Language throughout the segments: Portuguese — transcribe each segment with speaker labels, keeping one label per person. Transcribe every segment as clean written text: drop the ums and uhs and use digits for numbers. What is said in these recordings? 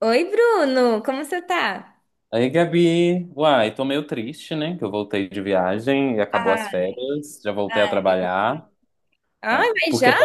Speaker 1: Oi, Bruno, como você tá?
Speaker 2: Aí, Gabi, uai, tô meio triste, né? Que eu voltei de viagem e acabou as
Speaker 1: Ai,
Speaker 2: férias, já voltei a
Speaker 1: ai,
Speaker 2: trabalhar.
Speaker 1: Ai,
Speaker 2: Ah,
Speaker 1: mas já?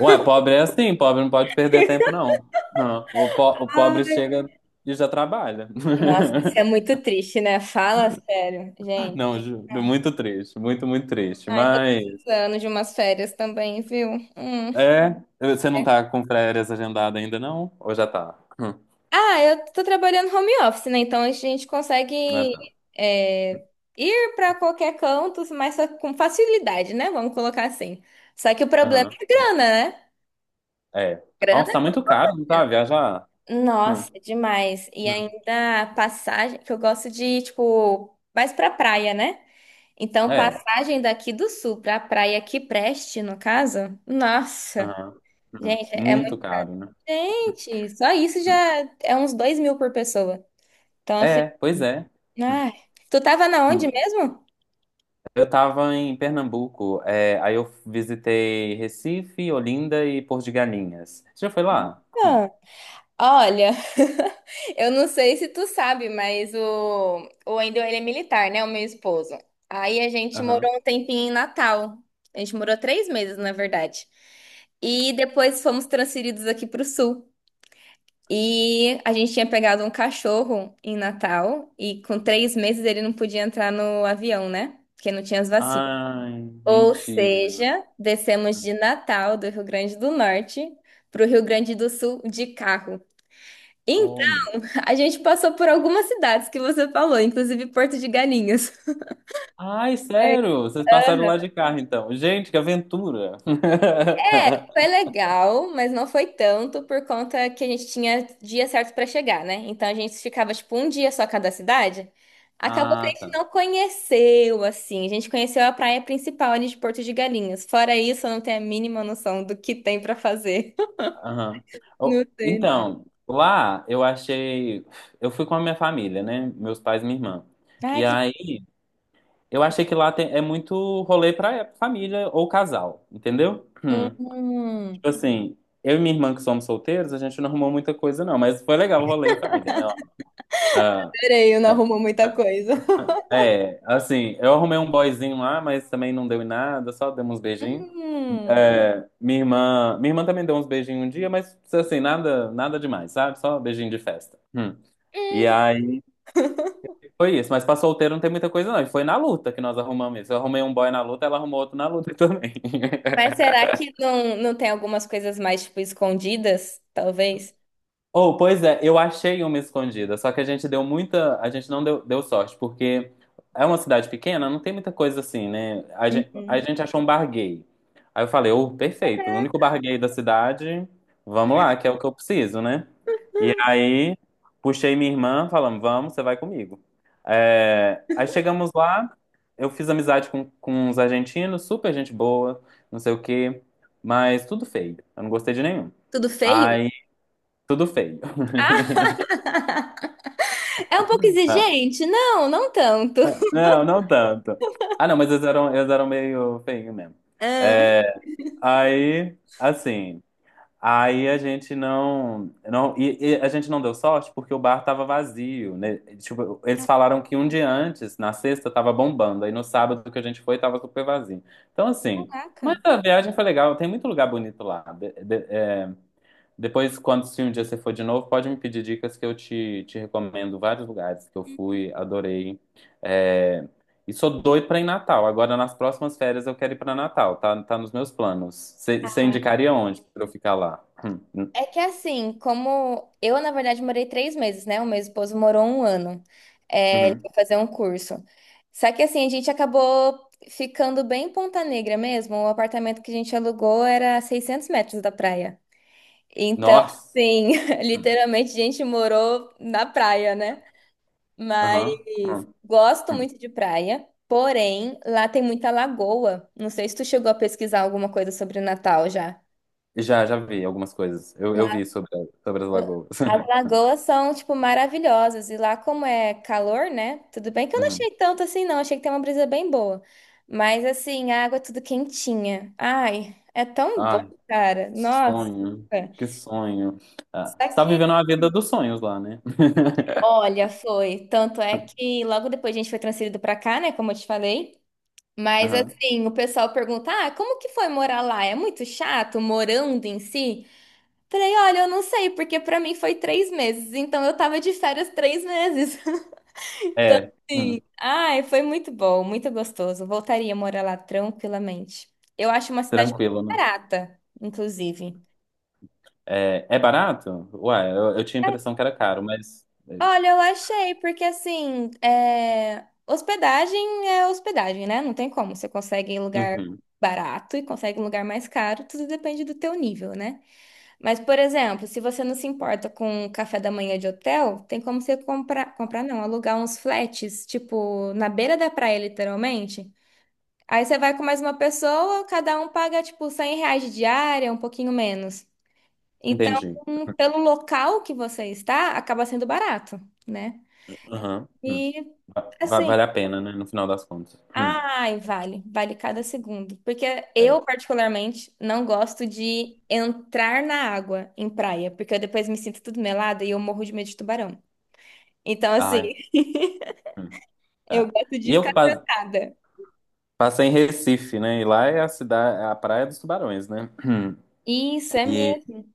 Speaker 2: uai, pobre é assim, pobre não pode perder tempo, não. Não, o pobre chega e já trabalha.
Speaker 1: Nossa, isso é muito triste, né? Fala sério, gente.
Speaker 2: Não, juro,
Speaker 1: Ai.
Speaker 2: muito triste, muito, muito triste.
Speaker 1: Ai, tô
Speaker 2: Mas,
Speaker 1: precisando de umas férias também, viu? Hum.
Speaker 2: é, você não tá com férias agendada ainda, não? Ou já tá? Hum.
Speaker 1: Ah, eu tô trabalhando home office, né? Então a gente consegue
Speaker 2: Ah, tá.
Speaker 1: é, ir pra qualquer canto, mas só com facilidade, né? Vamos colocar assim. Só que o problema
Speaker 2: Aham.
Speaker 1: é grana, né?
Speaker 2: É. Nossa, tá muito caro, não tá? Viajar? Hum,
Speaker 1: Nossa, é demais. E
Speaker 2: hum.
Speaker 1: ainda a passagem, que eu gosto de, tipo, mais pra praia, né? Então,
Speaker 2: É.
Speaker 1: passagem daqui do sul pra praia aqui preste, no caso. Nossa,
Speaker 2: Aham.
Speaker 1: gente, é
Speaker 2: Muito
Speaker 1: muito.
Speaker 2: caro, né?
Speaker 1: Gente, só isso já é uns 2 mil por pessoa. Então, assim,
Speaker 2: É, pois é. Hum,
Speaker 1: ai. Tu tava na onde
Speaker 2: hum.
Speaker 1: mesmo?
Speaker 2: Eu tava em Pernambuco, aí eu visitei Recife, Olinda e Porto de Galinhas. Você já foi lá? Hum.
Speaker 1: Ah, olha. Eu não sei se tu sabe, mas o Wendel, ele é militar, né? O meu esposo. Aí a gente
Speaker 2: Aham.
Speaker 1: morou um tempinho em Natal. A gente morou 3 meses, na verdade. E depois fomos transferidos aqui para o Sul. E a gente tinha pegado um cachorro em Natal. E com 3 meses ele não podia entrar no avião, né? Porque não tinha as vacinas.
Speaker 2: Ai,
Speaker 1: Ou
Speaker 2: mentira.
Speaker 1: seja, descemos de Natal, do Rio Grande do Norte, para o Rio Grande do Sul de carro.
Speaker 2: Oh, meu-
Speaker 1: A gente passou por algumas cidades que você falou, inclusive Porto de Galinhas.
Speaker 2: Ai,
Speaker 1: É,
Speaker 2: sério? Vocês passaram
Speaker 1: aham.
Speaker 2: lá de carro, então. Gente, que aventura!
Speaker 1: Foi legal, mas não foi tanto por conta que a gente tinha dia certo para chegar, né? Então a gente ficava tipo um dia só cada cidade. Acabou que a
Speaker 2: Ah,
Speaker 1: gente
Speaker 2: tá.
Speaker 1: não conheceu assim. A gente conheceu a praia principal ali de Porto de Galinhas. Fora isso, eu não tenho a mínima noção do que tem para fazer.
Speaker 2: Aham.
Speaker 1: Não
Speaker 2: Oh,
Speaker 1: sei, não.
Speaker 2: então, lá eu achei. Eu fui com a minha família, né? Meus pais e minha irmã.
Speaker 1: Ai,
Speaker 2: E
Speaker 1: que
Speaker 2: aí eu achei que lá é muito rolê pra família ou casal, entendeu?
Speaker 1: legal.
Speaker 2: Hum. Tipo assim, eu e minha irmã que somos solteiros, a gente não arrumou muita coisa não, mas foi legal o rolê em família, né? Ó. Ah,
Speaker 1: Peraí, eu não
Speaker 2: ah,
Speaker 1: arrumo muita coisa.
Speaker 2: assim, eu arrumei um boyzinho lá, mas também não deu em nada, só demos uns beijinhos.
Speaker 1: Hum.
Speaker 2: É, minha irmã também deu uns beijinhos um dia, mas assim, nada, nada demais, sabe? Só beijinho de festa. Hum. E
Speaker 1: Hum,
Speaker 2: aí foi isso, mas pra solteiro não tem muita coisa não, e foi na luta que nós arrumamos isso. Eu arrumei um boy na luta, ela arrumou outro na luta também.
Speaker 1: Mas será que não tem algumas coisas mais, tipo, escondidas? Talvez.
Speaker 2: Oh, pois é, eu achei uma escondida, só que a gente deu muita, a gente não deu, deu sorte, porque é uma cidade pequena, não tem muita coisa assim, né? A gente, a
Speaker 1: Uhum.
Speaker 2: gente achou um bar gay. Aí eu falei, oh, perfeito, o único bar gay da cidade, vamos lá, que é o que eu preciso, né? E aí puxei minha irmã, falando, vamos, você vai comigo. É, aí chegamos lá, eu fiz amizade com uns argentinos, super gente boa, não sei o quê, mas tudo feio, eu não gostei de nenhum.
Speaker 1: Tudo feio?
Speaker 2: Aí, tudo feio.
Speaker 1: Ah, é um pouco
Speaker 2: Não,
Speaker 1: exigente? Não, não tanto.
Speaker 2: não, não tanto. Ah, não, mas eles eram meio feinhos mesmo.
Speaker 1: Ah,
Speaker 2: É, aí, assim, aí a gente não e a gente não deu sorte porque o bar tava vazio, né? Tipo, eles falaram que um dia antes, na sexta, tava bombando, aí no sábado que a gente foi, tava super vazio. Então, assim, mas
Speaker 1: caraca.
Speaker 2: a viagem foi legal, tem muito lugar bonito lá. Depois, quando se um dia você for de novo, pode me pedir dicas que eu te recomendo vários lugares que eu fui, adorei. É, E sou doido pra ir em Natal. Agora, nas próximas férias, eu quero ir pra Natal. Tá, tá nos meus planos. Você
Speaker 1: Ah,
Speaker 2: indicaria onde pra eu ficar lá? Hum.
Speaker 1: é que assim, como eu, na verdade, morei três meses, né? O meu esposo morou 1 ano. É, ele
Speaker 2: Uhum.
Speaker 1: foi fazer um curso. Só que assim, a gente acabou ficando bem em Ponta Negra mesmo. O apartamento que a gente alugou era a 600 metros da praia. Então,
Speaker 2: Nossa!
Speaker 1: assim, literalmente a gente morou na praia, né? Mas
Speaker 2: Aham. Hum,
Speaker 1: gosto
Speaker 2: hum.
Speaker 1: muito de praia, porém lá tem muita lagoa. Não sei se tu chegou a pesquisar alguma coisa sobre Natal já.
Speaker 2: Já vi algumas coisas. Eu vi sobre as lagoas.
Speaker 1: As lagoas são, tipo, maravilhosas. E lá, como é calor, né? Tudo bem que eu não
Speaker 2: Uhum.
Speaker 1: achei tanto assim, não. Achei que tem uma brisa bem boa. Mas, assim, a água é tudo quentinha. Ai, é tão bom,
Speaker 2: Ai,
Speaker 1: cara.
Speaker 2: que
Speaker 1: Nossa.
Speaker 2: sonho. Que sonho. Ah,
Speaker 1: Só
Speaker 2: você tá
Speaker 1: que
Speaker 2: vivendo a vida dos sonhos lá, né?
Speaker 1: Olha, foi. Tanto é que logo depois a gente foi transferido pra cá, né? Como eu te falei. Mas
Speaker 2: Aham.
Speaker 1: assim, o pessoal pergunta: ah, como que foi morar lá? É muito chato morando em si? Falei: olha, eu não sei, porque pra mim foi 3 meses. Então eu tava de férias 3 meses.
Speaker 2: É.
Speaker 1: Sim.
Speaker 2: Hum.
Speaker 1: Ai, foi muito bom, muito gostoso. Voltaria a morar lá tranquilamente. Eu acho uma cidade
Speaker 2: Tranquilo,
Speaker 1: muito
Speaker 2: né?
Speaker 1: barata, inclusive.
Speaker 2: É barato? Uai, eu tinha a impressão que era caro, mas.
Speaker 1: Olha, eu achei, porque assim, é hospedagem, né? Não tem como. Você consegue em lugar
Speaker 2: Uhum,
Speaker 1: barato e consegue em lugar mais caro, tudo depende do teu nível, né? Mas, por exemplo, se você não se importa com café da manhã de hotel, tem como você comprar, comprar não, alugar uns flats, tipo, na beira da praia, literalmente. Aí você vai com mais uma pessoa, cada um paga, tipo, R$ 100 de diária, um pouquinho menos. Então,
Speaker 2: entendi.
Speaker 1: pelo local que você está, acaba sendo barato, né?
Speaker 2: Uhum, uhum.
Speaker 1: E assim,
Speaker 2: Vale a pena, né? No final das contas.
Speaker 1: ai, vale, vale cada segundo. Porque
Speaker 2: É.
Speaker 1: eu, particularmente, não gosto de entrar na água em praia, porque eu depois me sinto tudo melada e eu morro de medo de tubarão. Então, assim,
Speaker 2: Ai. Hum.
Speaker 1: eu gosto de
Speaker 2: E eu que
Speaker 1: ficar sentada.
Speaker 2: passei em Recife, né? E lá é a cidade, a Praia dos Tubarões, né? Hum.
Speaker 1: Isso é
Speaker 2: E
Speaker 1: mesmo.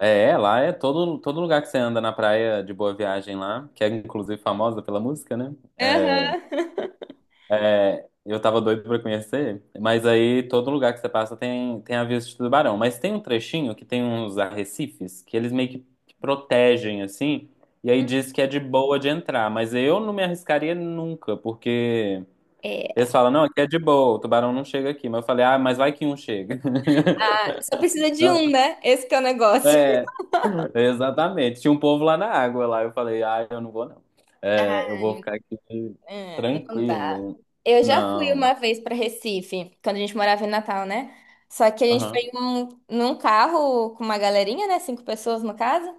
Speaker 2: lá é todo lugar que você anda na praia de Boa Viagem lá, que é inclusive famosa pela música, né? É,
Speaker 1: Aham.
Speaker 2: É, eu tava doido pra conhecer, mas aí todo lugar que você passa tem aviso de tubarão. Mas tem um trechinho que tem uns arrecifes que eles meio que protegem, assim, e aí diz que é de boa de entrar. Mas eu não me arriscaria nunca, porque eles
Speaker 1: É,
Speaker 2: falam, não, aqui é de boa, o tubarão não chega aqui. Mas eu falei, ah, mas vai que um chega.
Speaker 1: ah, só precisa de
Speaker 2: Não.
Speaker 1: um, né? Esse que é o negócio.
Speaker 2: É, exatamente. Tinha um povo lá na água lá. Eu falei, ah, eu não vou não. É, eu vou ficar aqui
Speaker 1: É, não dá.
Speaker 2: tranquilo.
Speaker 1: Eu já fui
Speaker 2: Não.
Speaker 1: uma vez para Recife, quando a gente morava em Natal, né? Só que a gente
Speaker 2: Aham,
Speaker 1: foi num carro com uma galerinha, né? 5 pessoas no caso.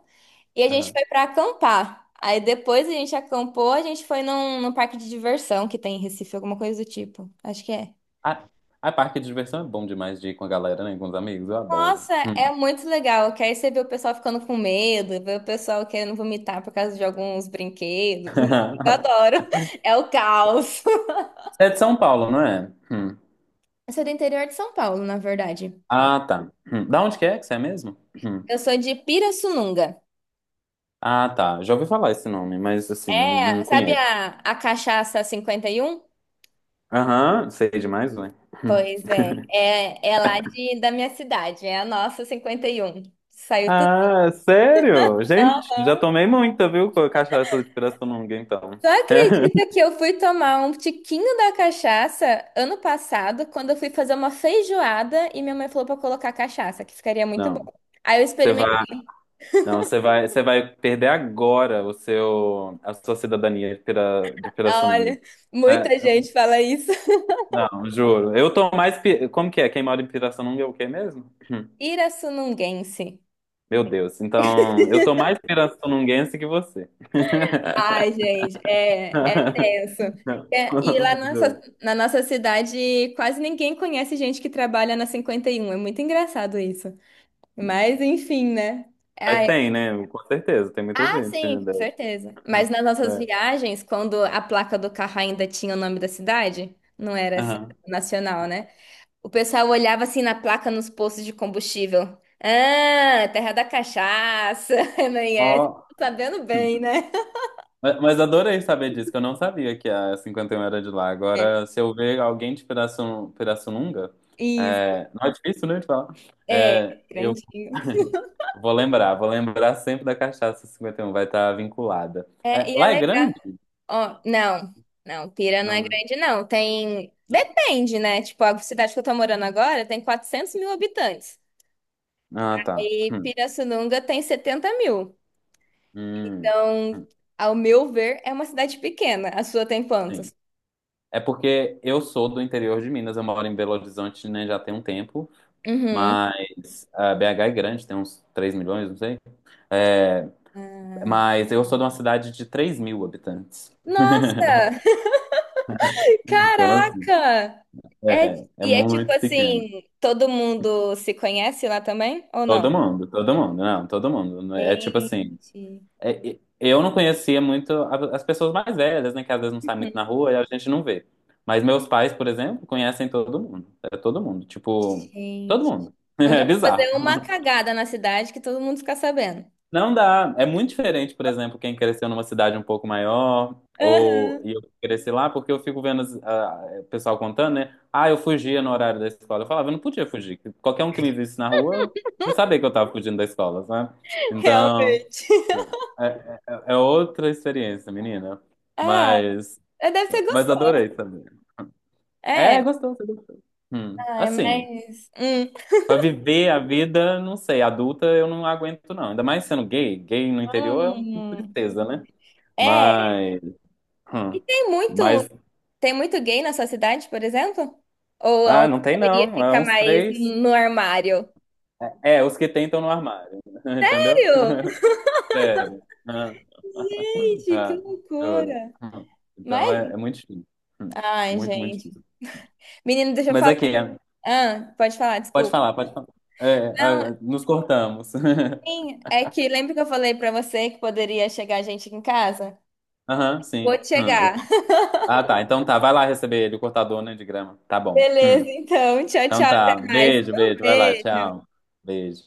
Speaker 1: E a gente
Speaker 2: aham.
Speaker 1: foi para acampar. Aí depois a gente acampou, a gente foi num parque de diversão que tem em Recife, alguma coisa do tipo. Acho que é.
Speaker 2: Ah, a parque de diversão é bom demais de ir com a galera, né? Com os amigos, eu adoro.
Speaker 1: Nossa,
Speaker 2: Hum.
Speaker 1: é muito legal. Que aí você vê o pessoal ficando com medo, vê o pessoal querendo vomitar por causa de alguns brinquedos. Nossa, eu adoro. É o caos.
Speaker 2: Você é de São Paulo, não é? Hum.
Speaker 1: Eu sou do interior de São Paulo, na verdade.
Speaker 2: Ah, tá. Hum. Da onde que é que você é mesmo? Hum.
Speaker 1: Eu sou de Pirassununga.
Speaker 2: Ah, tá. Já ouvi falar esse nome, mas assim, não, não
Speaker 1: É, sabe
Speaker 2: conheço.
Speaker 1: a cachaça 51?
Speaker 2: Aham, sei demais, né? Hum.
Speaker 1: Pois é, lá da minha cidade, é a nossa 51. Saiu tudo.
Speaker 2: Ah, sério? Gente, já
Speaker 1: Aham.
Speaker 2: tomei muita, viu? Com a cachaça de pirassununga, então.
Speaker 1: Tu acredita que eu fui tomar um tiquinho da cachaça ano passado, quando eu fui fazer uma feijoada e minha mãe falou pra eu colocar cachaça, que ficaria muito bom.
Speaker 2: Não,
Speaker 1: Aí eu
Speaker 2: você vai,
Speaker 1: experimentei.
Speaker 2: não, você vai perder agora o seu, a sua cidadania de Pira, de Pirassununga.
Speaker 1: Olha,
Speaker 2: É,
Speaker 1: muita gente fala isso.
Speaker 2: não, juro. Eu tô mais. Como que é? Quem mora em Pirassununga é o quê mesmo? Hum.
Speaker 1: Pirassununguense.
Speaker 2: Meu Deus. Então, eu tô mais pirassununguense que você.
Speaker 1: Ai, gente, é tenso.
Speaker 2: Não.
Speaker 1: É, e lá na, nossa,
Speaker 2: Juro.
Speaker 1: na nossa cidade, quase ninguém conhece gente que trabalha na 51. É muito engraçado isso. Mas, enfim, né?
Speaker 2: Mas
Speaker 1: Ai,
Speaker 2: tem, né? Com certeza. Tem muita
Speaker 1: ah,
Speaker 2: gente.
Speaker 1: sim,
Speaker 2: Né?
Speaker 1: com certeza. Mas nas nossas
Speaker 2: É.
Speaker 1: viagens, quando a placa do carro ainda tinha o nome da cidade, não era essa
Speaker 2: Aham.
Speaker 1: nacional, né? O pessoal olhava assim na placa nos postos de combustível. Ah, terra da cachaça, não é?
Speaker 2: Ó.
Speaker 1: Sabendo
Speaker 2: Hum.
Speaker 1: bem, né?
Speaker 2: Mas adorei saber disso, que eu não sabia que a 51 era de lá.
Speaker 1: É,
Speaker 2: Agora, se eu ver alguém de Pirassununga,
Speaker 1: isso.
Speaker 2: não é difícil, né, de falar.
Speaker 1: É,
Speaker 2: É, eu,
Speaker 1: grandinho.
Speaker 2: Vou lembrar sempre da cachaça 51 vai estar vinculada.
Speaker 1: É,
Speaker 2: É,
Speaker 1: e é
Speaker 2: lá é
Speaker 1: legal.
Speaker 2: grande?
Speaker 1: Ó, não, não, Pira não é
Speaker 2: Não, né?
Speaker 1: grande, não. Tem.
Speaker 2: Não.
Speaker 1: Depende, né? Tipo, a cidade que eu tô morando agora tem 400 mil habitantes.
Speaker 2: Ah, tá.
Speaker 1: E Pirassununga tem 70 mil.
Speaker 2: Hum,
Speaker 1: Então,
Speaker 2: hum.
Speaker 1: ao meu ver, é uma cidade pequena. A sua tem
Speaker 2: Sim.
Speaker 1: quantos?
Speaker 2: É porque eu sou do interior de Minas, eu moro em Belo Horizonte, né, já tem um tempo,
Speaker 1: Uhum.
Speaker 2: mas a BH é grande, tem uns 3 milhões, não sei. É, mas eu sou de uma cidade de 3 mil habitantes.
Speaker 1: Nossa!
Speaker 2: Então, assim,
Speaker 1: Caraca! É,
Speaker 2: é
Speaker 1: e é tipo
Speaker 2: muito pequeno.
Speaker 1: assim, todo mundo se conhece lá também? Ou não?
Speaker 2: Todo mundo, não, todo mundo. É tipo assim,
Speaker 1: Gente,
Speaker 2: Eu não conhecia muito as pessoas mais velhas, né? Que às vezes não saem muito na rua e a gente não vê. Mas meus pais, por exemplo, conhecem todo mundo. É todo mundo. Tipo, todo
Speaker 1: gente.
Speaker 2: mundo.
Speaker 1: Não dá
Speaker 2: É
Speaker 1: pra fazer
Speaker 2: bizarro.
Speaker 1: uma cagada na cidade que todo mundo fica sabendo.
Speaker 2: Não dá. É muito diferente, por exemplo, quem cresceu numa cidade um pouco maior,
Speaker 1: Aham,
Speaker 2: ou e eu cresci lá, porque eu fico vendo o pessoal contando, né? Ah, eu fugia no horário da escola. Eu falava, eu não podia fugir. Qualquer um que me visse na rua, eu sabia que eu tava fugindo da escola, sabe? Então.
Speaker 1: realmente.
Speaker 2: É, é- é outra experiência, menina.
Speaker 1: Ah,
Speaker 2: Mas,
Speaker 1: é, deve ser
Speaker 2: mas
Speaker 1: gostoso.
Speaker 2: adorei também. É,
Speaker 1: É.
Speaker 2: gostou, você gostou. Hum.
Speaker 1: Ai,
Speaker 2: Assim,
Speaker 1: mas. Hum.
Speaker 2: pra viver a vida, não sei, adulta eu não aguento, não. Ainda mais sendo gay. Gay no interior é uma
Speaker 1: Hum.
Speaker 2: tristeza, né?
Speaker 1: É.
Speaker 2: Mas,
Speaker 1: E
Speaker 2: hum.
Speaker 1: tem
Speaker 2: Mas,
Speaker 1: muito. Tem muito gay na sua cidade, por exemplo?
Speaker 2: ah, não tem
Speaker 1: Eu iria
Speaker 2: não. É
Speaker 1: ficar
Speaker 2: uns
Speaker 1: mais
Speaker 2: três.
Speaker 1: no armário.
Speaker 2: É, os que tem estão no armário. Entendeu?
Speaker 1: Sério?
Speaker 2: Sério. Ah,
Speaker 1: Gente, que
Speaker 2: ah, juro.
Speaker 1: loucura.
Speaker 2: Hum. Então
Speaker 1: Mas.
Speaker 2: é muito difícil. Hum.
Speaker 1: Ai,
Speaker 2: Muito, muito
Speaker 1: gente.
Speaker 2: difícil.
Speaker 1: Menino, deixa eu
Speaker 2: Mas
Speaker 1: falar.
Speaker 2: aqui,
Speaker 1: Ah, pode falar,
Speaker 2: pode
Speaker 1: desculpa.
Speaker 2: falar, pode falar. É,
Speaker 1: Não,
Speaker 2: ah, nos cortamos.
Speaker 1: assim, é que lembra que eu falei pra você que poderia chegar gente aqui em casa?
Speaker 2: Aham,
Speaker 1: Vou
Speaker 2: sim.
Speaker 1: chegar.
Speaker 2: Ah, tá. Então tá, vai lá receber ele, o cortador, né, de grama. Tá bom.
Speaker 1: Beleza,
Speaker 2: Hum.
Speaker 1: então. Tchau,
Speaker 2: Então
Speaker 1: tchau. Até
Speaker 2: tá.
Speaker 1: mais.
Speaker 2: Beijo,
Speaker 1: Um
Speaker 2: beijo. Vai lá,
Speaker 1: beijo.
Speaker 2: tchau. Beijo.